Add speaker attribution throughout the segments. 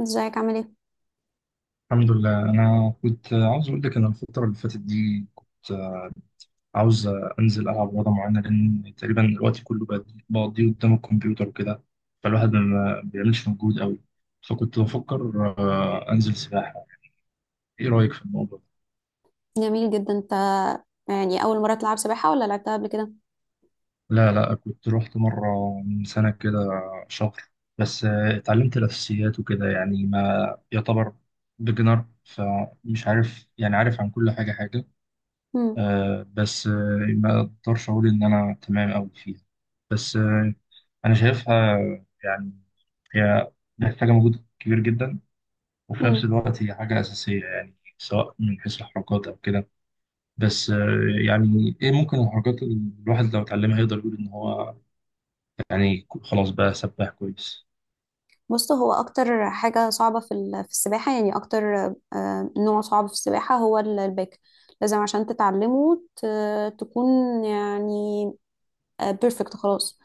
Speaker 1: ازيك، عامل ايه؟
Speaker 2: الحمد لله، انا كنت عاوز اقول لك ان الفتره اللي فاتت دي كنت عاوز انزل العب رياضه معينه، لان تقريبا الوقت كله بقضيه قدام الكمبيوتر وكده. فالواحد ما بيعملش مجهود قوي. فكنت بفكر انزل سباحه. ايه رايك في الموضوع ده؟
Speaker 1: جميل جدا انت. يعني اول مره تلعب سباحه ولا لعبتها قبل كده؟
Speaker 2: لا، لا، كنت رحت مره من سنه كده، شهر. بس اتعلمت الاساسيات وكده، يعني ما يعتبر بيجنر، فمش عارف يعني عارف عن كل حاجه حاجه.
Speaker 1: امم.
Speaker 2: بس ما اقدرش اقول ان انا تمام أوي فيها. بس انا شايفها، يعني هي محتاجه مجهود كبير جدا، وفي نفس
Speaker 1: امم.
Speaker 2: الوقت هي حاجه اساسيه، يعني سواء من حيث الحركات او كده. بس يعني ايه ممكن الحركات اللي الواحد لو اتعلمها يقدر يقول ان هو يعني خلاص بقى سباح كويس.
Speaker 1: بص، هو اكتر حاجه صعبه في في السباحه يعني اكتر نوع صعب في السباحه هو الباك. لازم عشان تتعلمه تكون يعني بيرفكت خلاص.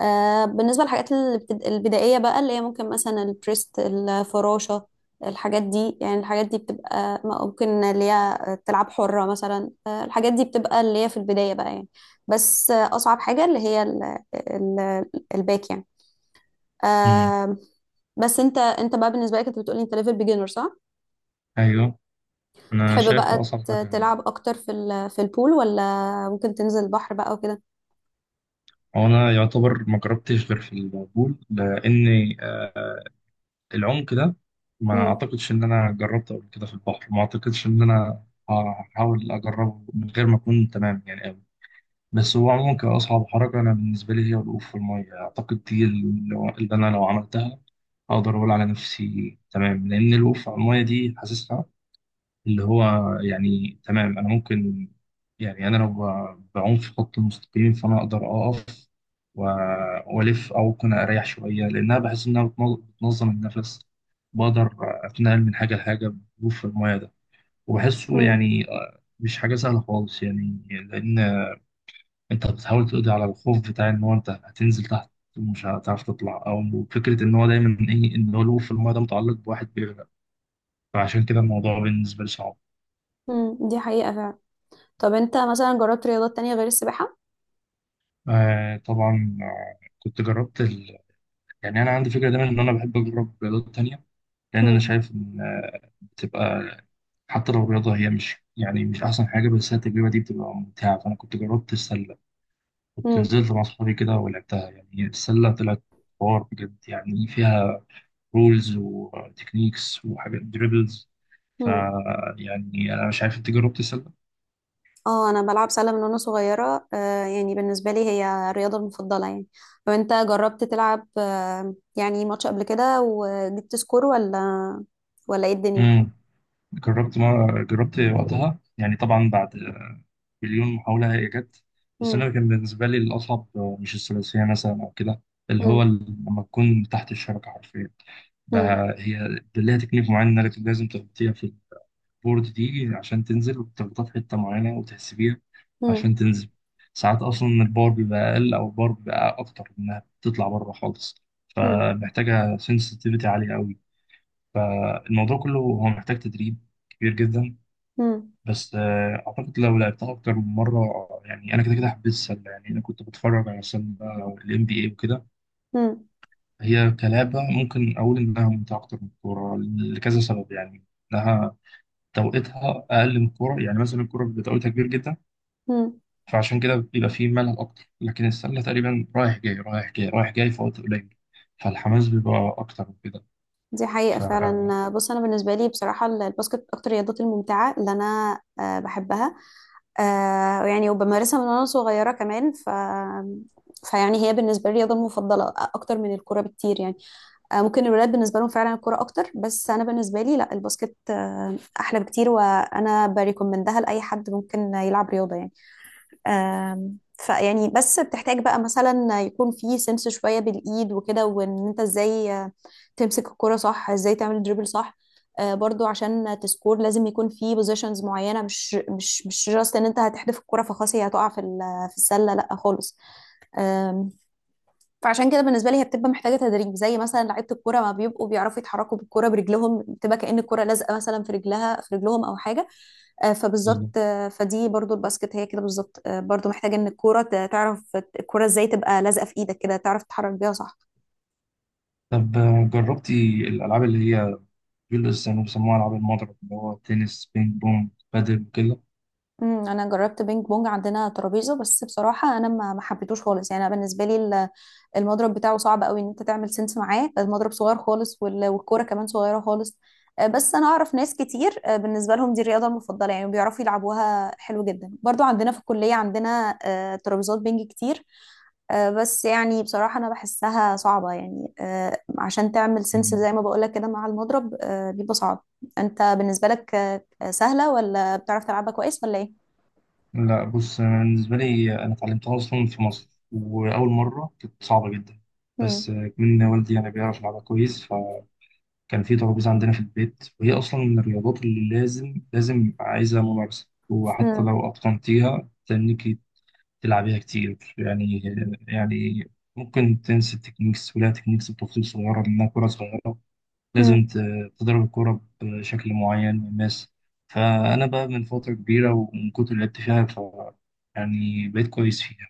Speaker 1: بالنسبة للحاجات البدائية بقى اللي هي ممكن مثلا البريست، الفراشة. الحاجات دي بتبقى ممكن اللي هي تلعب حرة مثلا. الحاجات دي بتبقى اللي هي في البداية بقى يعني. بس أصعب حاجة اللي هي الباك يعني.
Speaker 2: امم.
Speaker 1: آه، بس انت بقى، بالنسبة لك انت بتقولي انت ليفل بيجنر صح؟
Speaker 2: ايوه، انا
Speaker 1: تحب
Speaker 2: شايف
Speaker 1: بقى
Speaker 2: اصعب حاجه.
Speaker 1: تلعب اكتر في في البول، ولا ممكن تنزل البحر بقى وكده؟
Speaker 2: هو انا يعتبر ما جربتش غير في البول، لاني العمق ده ما
Speaker 1: امم.
Speaker 2: اعتقدش ان انا جربته قبل كده في البحر، ما اعتقدش ان انا هحاول اجربه من غير ما اكون تمام يعني قوي. بس هو عموما كأصعب حركة، أنا بالنسبة لي هي الوقوف في المية، أعتقد دي اللي أنا لو عملتها أقدر أقول على نفسي تمام، لأن الوقوف على المية دي حاسسها اللي هو يعني تمام. انا ممكن، يعني انا لو بعوم في خط المستقيم فانا اقدر اقف و- والف او ممكن اريح شويه، لانها بحس انها بتنظم النفس. بقدر اتنقل من حاجه لحاجه. بوف الميه ده وبحسه يعني مش حاجه سهله خالص، يعني لان انت بتحاول تقضي على الخوف بتاع ان هو انت هتنزل تحت ومش هتعرف تطلع، او فكره ان هو دايما ايه ان هو الوقوف في الميه ده متعلق بواحد بيغرق. فعشان كده الموضوع بالنسبه لي صعب.
Speaker 1: امم. دي حقيقة فعلا. طب انت مثلا جربت رياضات تانية غير السباحة؟
Speaker 2: آه طبعا، كنت جربت يعني انا عندي فكره دايما ان انا بحب اجرب رياضات تانية، لان انا
Speaker 1: مم.
Speaker 2: شايف ان بتبقى حتى لو الرياضه هي مش يعني مش احسن حاجه، بس هي التجربه دي بتبقى ممتعه. فانا كنت جربت السله، كنت
Speaker 1: مم.
Speaker 2: نزلت مع اصحابي كده ولعبتها. يعني السله طلعت حوار بجد، يعني فيها رولز وتكنيكس وحاجات دريبلز. ف
Speaker 1: مم.
Speaker 2: يعني انا مش عارف انت جربت السله.
Speaker 1: اه، انا بلعب سلة من وانا صغيرة، يعني بالنسبة لي هي الرياضة المفضلة يعني. طب انت جربت تلعب يعني ماتش قبل كده وجبت سكور، ولا ايه الدنيا؟
Speaker 2: امم جربت ما جربت وقتها، يعني طبعا بعد مليون محاولة هي جت. بس
Speaker 1: مم.
Speaker 2: أنا كان بالنسبة لي الأصعب مش الثلاثية مثلا أو كده، اللي هو
Speaker 1: مم.
Speaker 2: لما تكون تحت الشبكة حرفيا
Speaker 1: مم.
Speaker 2: بقى، هي ليها تكنيك معين إنك لازم تغطيها في البورد دي عشان تنزل وتغطيها في حتة معينة وتحسبيها عشان
Speaker 1: مم.
Speaker 2: تنزل. ساعات أصلا البار بيبقى أقل أو البار بيبقى أكتر، إنها بتطلع بره خالص،
Speaker 1: مم.
Speaker 2: فمحتاجة سنسitivityتي عالية أوي. الموضوع كله هو محتاج تدريب كبير جدا.
Speaker 1: مم.
Speaker 2: بس اعتقد لو لعبتها اكتر من مره، يعني انا كده كده حبيت السله. يعني انا كنت بتفرج على السله او NBA وكده.
Speaker 1: مم.
Speaker 2: هي كلعبه ممكن اقول انها ممتعه اكتر من الكوره لكذا سبب، يعني انها توقيتها اقل من الكوره، يعني مثلا الكوره بيبقى توقيتها كبير جدا،
Speaker 1: مم.
Speaker 2: فعشان كده بيبقى فيه ملل اكتر. لكن السله تقريبا رايح جاي رايح جاي رايح جاي في وقت قليل، فالحماس بيبقى اكتر من كده.
Speaker 1: دي حقيقة
Speaker 2: ف
Speaker 1: فعلا. بص، أنا بالنسبة لي بصراحة الباسكت أكتر الرياضات الممتعة اللي أنا بحبها. يعني وبمارسها من وانا صغيرة كمان، فيعني هي بالنسبة لي الرياضة المفضلة أكتر من الكرة بكتير يعني. ممكن الولاد بالنسبة لهم فعلا الكرة أكتر، بس أنا بالنسبة لي لا، الباسكت أحلى بكتير، وأنا بريكومندها لأي حد ممكن يلعب رياضة يعني. فيعني بس بتحتاج بقى مثلا يكون في سنس شوية بالإيد وكده، وإن أنت إزاي تمسك الكرة صح، إزاي تعمل دريبل صح. برضو عشان تسكور لازم يكون في بوزيشنز معينة، مش جاست إن أنت هتحدف الكرة فخلاص هي هتقع في في السلة. لأ خالص. فعشان كده بالنسبه لي هي بتبقى محتاجه تدريب، زي مثلا لعيبه الكوره ما بيبقوا بيعرفوا يتحركوا بالكوره برجلهم، بتبقى كأن الكوره لازقه مثلا في رجلهم او حاجه. فبالظبط،
Speaker 2: بالظبط.
Speaker 1: فدي برضو الباسكت هي كده بالظبط، برضو محتاجه ان تعرف الكوره ازاي تبقى لازقه في ايدك كده، تعرف تتحرك بيها صح؟
Speaker 2: طب جربتي الالعاب اللي هي بيلبس كانوا بيسموها ألعاب المضرب، اللي هو تنس بينج بونج بادل وكده.
Speaker 1: امم. انا جربت بينج بونج، عندنا ترابيزه، بس بصراحه انا ما حبيتهوش خالص يعني. أنا بالنسبه لي المضرب بتاعه صعب قوي ان انت تعمل سنس معاه، المضرب صغير خالص والكوره كمان صغيره خالص. بس انا اعرف ناس كتير بالنسبه لهم دي الرياضه المفضله يعني، بيعرفوا يلعبوها حلو جدا، برضو عندنا في الكليه عندنا ترابيزات بينج كتير. بس يعني بصراحه انا بحسها صعبه يعني، عشان تعمل سنس زي ما بقولك كده مع المضرب بيبقى صعب. انت بالنسبه لك سهله ولا بتعرف تلعبها كويس، ولا ايه؟
Speaker 2: لا بص، أنا بالنسبة لي أنا اتعلمتها أصلا في مصر، وأول مرة كانت صعبة جدا. بس
Speaker 1: مم.
Speaker 2: من والدي يعني بيعرف يلعبها كويس، فكان في ترابيزة عندنا في البيت، وهي أصلا من الرياضات اللي لازم لازم عايزة ممارسة، وحتى
Speaker 1: مم.
Speaker 2: لو أتقنتيها تنيكي تلعبيها كتير يعني. يعني ممكن تنسي التكنيكس، ولها تكنيكس بتفاصيل صغيرة لأنها كرة صغيرة، لازم
Speaker 1: مم.
Speaker 2: تضرب الكورة بشكل معين. والناس، فأنا بقى من فترة كبيرة، ومن كتر اللي لعبت فيها يعني بقيت كويس فيها.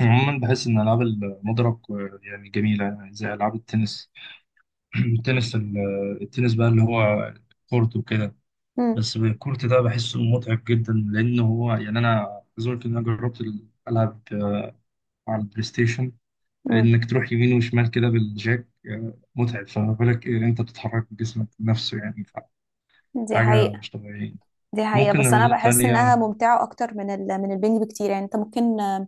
Speaker 2: عموما بحس إن ألعاب المضرب يعني جميلة، يعني زي ألعاب التنس. التنس التنس بقى اللي هو كورت وكده،
Speaker 1: مم.
Speaker 2: بس الكورت ده بحسه متعب جدا، لأنه هو يعني أنا عايز أقول لك إن أنا جربت ألعب على البلاي ستيشن،
Speaker 1: مم.
Speaker 2: إنك تروح يمين وشمال كده بالجاك متعب. فما بالك إيه أنت بتتحرك بجسمك نفسه يعني؟
Speaker 1: دي
Speaker 2: حاجة
Speaker 1: حقيقة.
Speaker 2: مش طبيعية.
Speaker 1: دي حقيقة،
Speaker 2: ممكن
Speaker 1: بس أنا
Speaker 2: رياضات
Speaker 1: بحس إنها
Speaker 2: تانية.
Speaker 1: ممتعة أكتر من من البنج بكتير يعني. أنت ممكن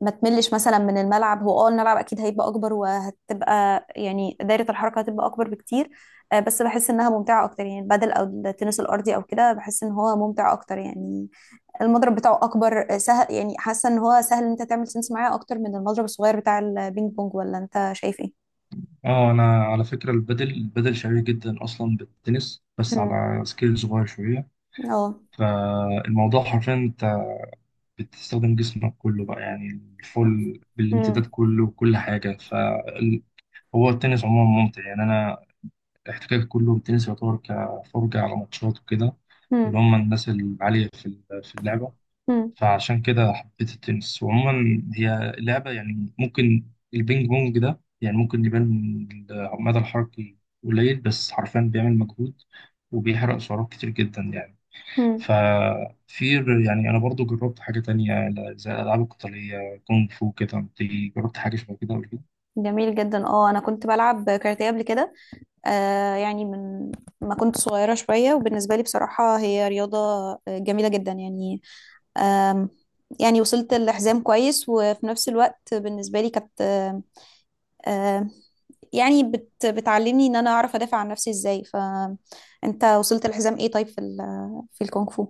Speaker 1: ما تملش مثلا من الملعب. هو الملعب اكيد هيبقى اكبر، وهتبقى يعني دايرة الحركة هتبقى اكبر بكتير. بس بحس انها ممتعة اكتر يعني، البادل او التنس الارضي او كده بحس ان هو ممتع اكتر يعني. المضرب بتاعه اكبر سهل يعني، حاسة ان هو سهل ان انت تعمل سنس معاه اكتر من المضرب الصغير بتاع البينج بونج، ولا انت شايف ايه؟
Speaker 2: اه، أنا على فكرة البدل البدل شبيه جدا أصلا بالتنس، بس
Speaker 1: امم.
Speaker 2: على سكيل صغير شوية.
Speaker 1: اه.
Speaker 2: فالموضوع حرفيا أنت بتستخدم جسمك كله بقى، يعني الفول بالامتداد كله وكل حاجة، فهو التنس عموما ممتع. يعني أنا احتكاك كله بالتنس يعتبر كفرجة على ماتشات وكده، اللي
Speaker 1: امم.
Speaker 2: هم الناس العالية في اللعبة. فعشان كده حبيت التنس. وعموما هي لعبة، يعني ممكن البينج بونج ده يعني ممكن يبان المدى الحركي قليل، بس حرفيا بيعمل مجهود وبيحرق سعرات كتير جدا يعني.
Speaker 1: مم.
Speaker 2: ففي يعني أنا برضو جربت حاجة تانية زي الألعاب القتالية كونغ فو كده. أنت جربت حاجة شبه كده قبل كده؟
Speaker 1: جميل جدا. اه، انا كنت بلعب كاراتيه قبل كده. يعني من ما كنت صغيره شويه، وبالنسبه لي بصراحه هي رياضه جميله جدا يعني. آم. يعني وصلت لحزام كويس، وفي نفس الوقت بالنسبه لي كانت آه، يعني بتعلمني ان انا اعرف ادافع عن نفسي ازاي. فانت وصلت لحزام ايه طيب في في الكونغ فو؟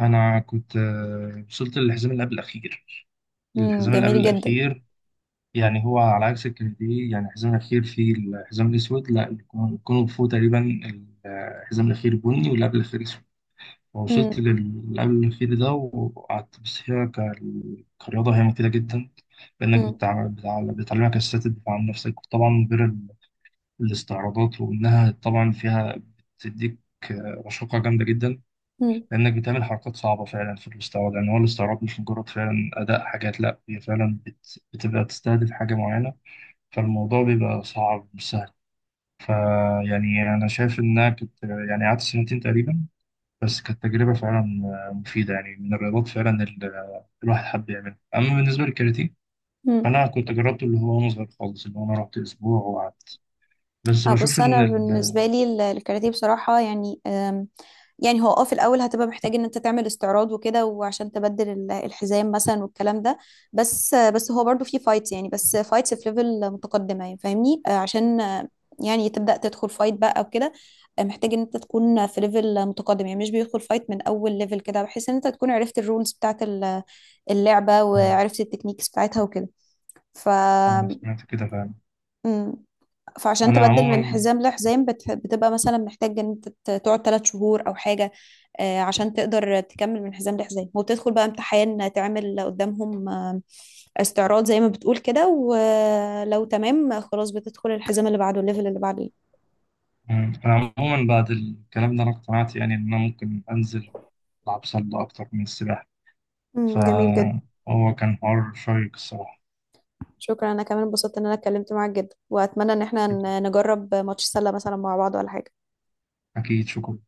Speaker 2: أنا كنت وصلت للحزام اللي قبل الأخير.
Speaker 1: مم.
Speaker 2: الحزام اللي قبل
Speaker 1: جميل جدا.
Speaker 2: الأخير، يعني هو على عكس الكندي، يعني الحزام الأخير فيه الحزام الأسود، لا الكونغ فو تقريبا الحزام الأخير بني، واللي قبل الأخير أسود. فوصلت
Speaker 1: مم.
Speaker 2: للي قبل الأخير ده وقعدت. بس هي كرياضة هي مفيدة جدا، لأنك
Speaker 1: مم.
Speaker 2: بتعلمك أساسات الدفاع عن نفسك، طبعا غير الاستعراضات. وإنها طبعا فيها بتديك رشاقة جامدة جدا،
Speaker 1: مم.
Speaker 2: لأنك بتعمل حركات صعبة فعلا في الاستعراض. يعني هو الاستعراض مش مجرد فعلا أداء حاجات، لا هي فعلا بتبقى تستهدف حاجة معينة، فالموضوع بيبقى صعب مش سهل. فيعني أنا شايف إنها كنت يعني قعدت سنتين تقريبا، بس كانت تجربة فعلا مفيدة، يعني من الرياضات فعلا اللي الواحد حب يعملها. أما بالنسبة للكاراتيه،
Speaker 1: مم.
Speaker 2: فأنا كنت جربته اللي هو وأنا صغير خالص، اللي هو أنا رحت أسبوع وقعدت بس، بشوف
Speaker 1: بص،
Speaker 2: إن
Speaker 1: انا بالنسبه لي الكاراتيه بصراحه يعني. يعني هو في الاول هتبقى محتاج ان انت تعمل استعراض وكده، وعشان تبدل الحزام مثلا والكلام ده. بس هو برضو في فايتس يعني، بس فايتس في ليفل متقدمه يعني، فاهمني؟ عشان يعني تبدا تدخل فايت بقى وكده. محتاج ان انت تكون في ليفل متقدم يعني، مش بيدخل فايت من اول ليفل كده، بحيث ان انت تكون عرفت الرولز بتاعت اللعبه
Speaker 2: آه،
Speaker 1: وعرفت التكنيكس بتاعتها وكده. ف
Speaker 2: أنا سمعت كده فعلا.
Speaker 1: مم. فعشان
Speaker 2: أنا
Speaker 1: تبدل من
Speaker 2: عموما
Speaker 1: حزام لحزام بتبقى مثلا محتاج ان انت تقعد 3 شهور او حاجة. عشان تقدر تكمل من حزام لحزام، وبتدخل بقى امتحان تعمل قدامهم استعراض زي ما بتقول كده، ولو تمام خلاص بتدخل الحزام اللي بعده الليفل اللي بعده.
Speaker 2: أنا عموما بعد الكلام ده أنا اقتنعت، يعني إن أنا ممكن أنزل ألعب سلة أكتر من السباحة.
Speaker 1: مم، جميل جدا.
Speaker 2: فهو كان حوار شيق الصراحة.
Speaker 1: شكرا. انا كمان انبسطت ان انا اتكلمت معاك جدا، واتمنى ان احنا
Speaker 2: شكرا.
Speaker 1: نجرب ماتش سلة مثلا مع بعض ولا حاجة.
Speaker 2: أكيد، شكرا.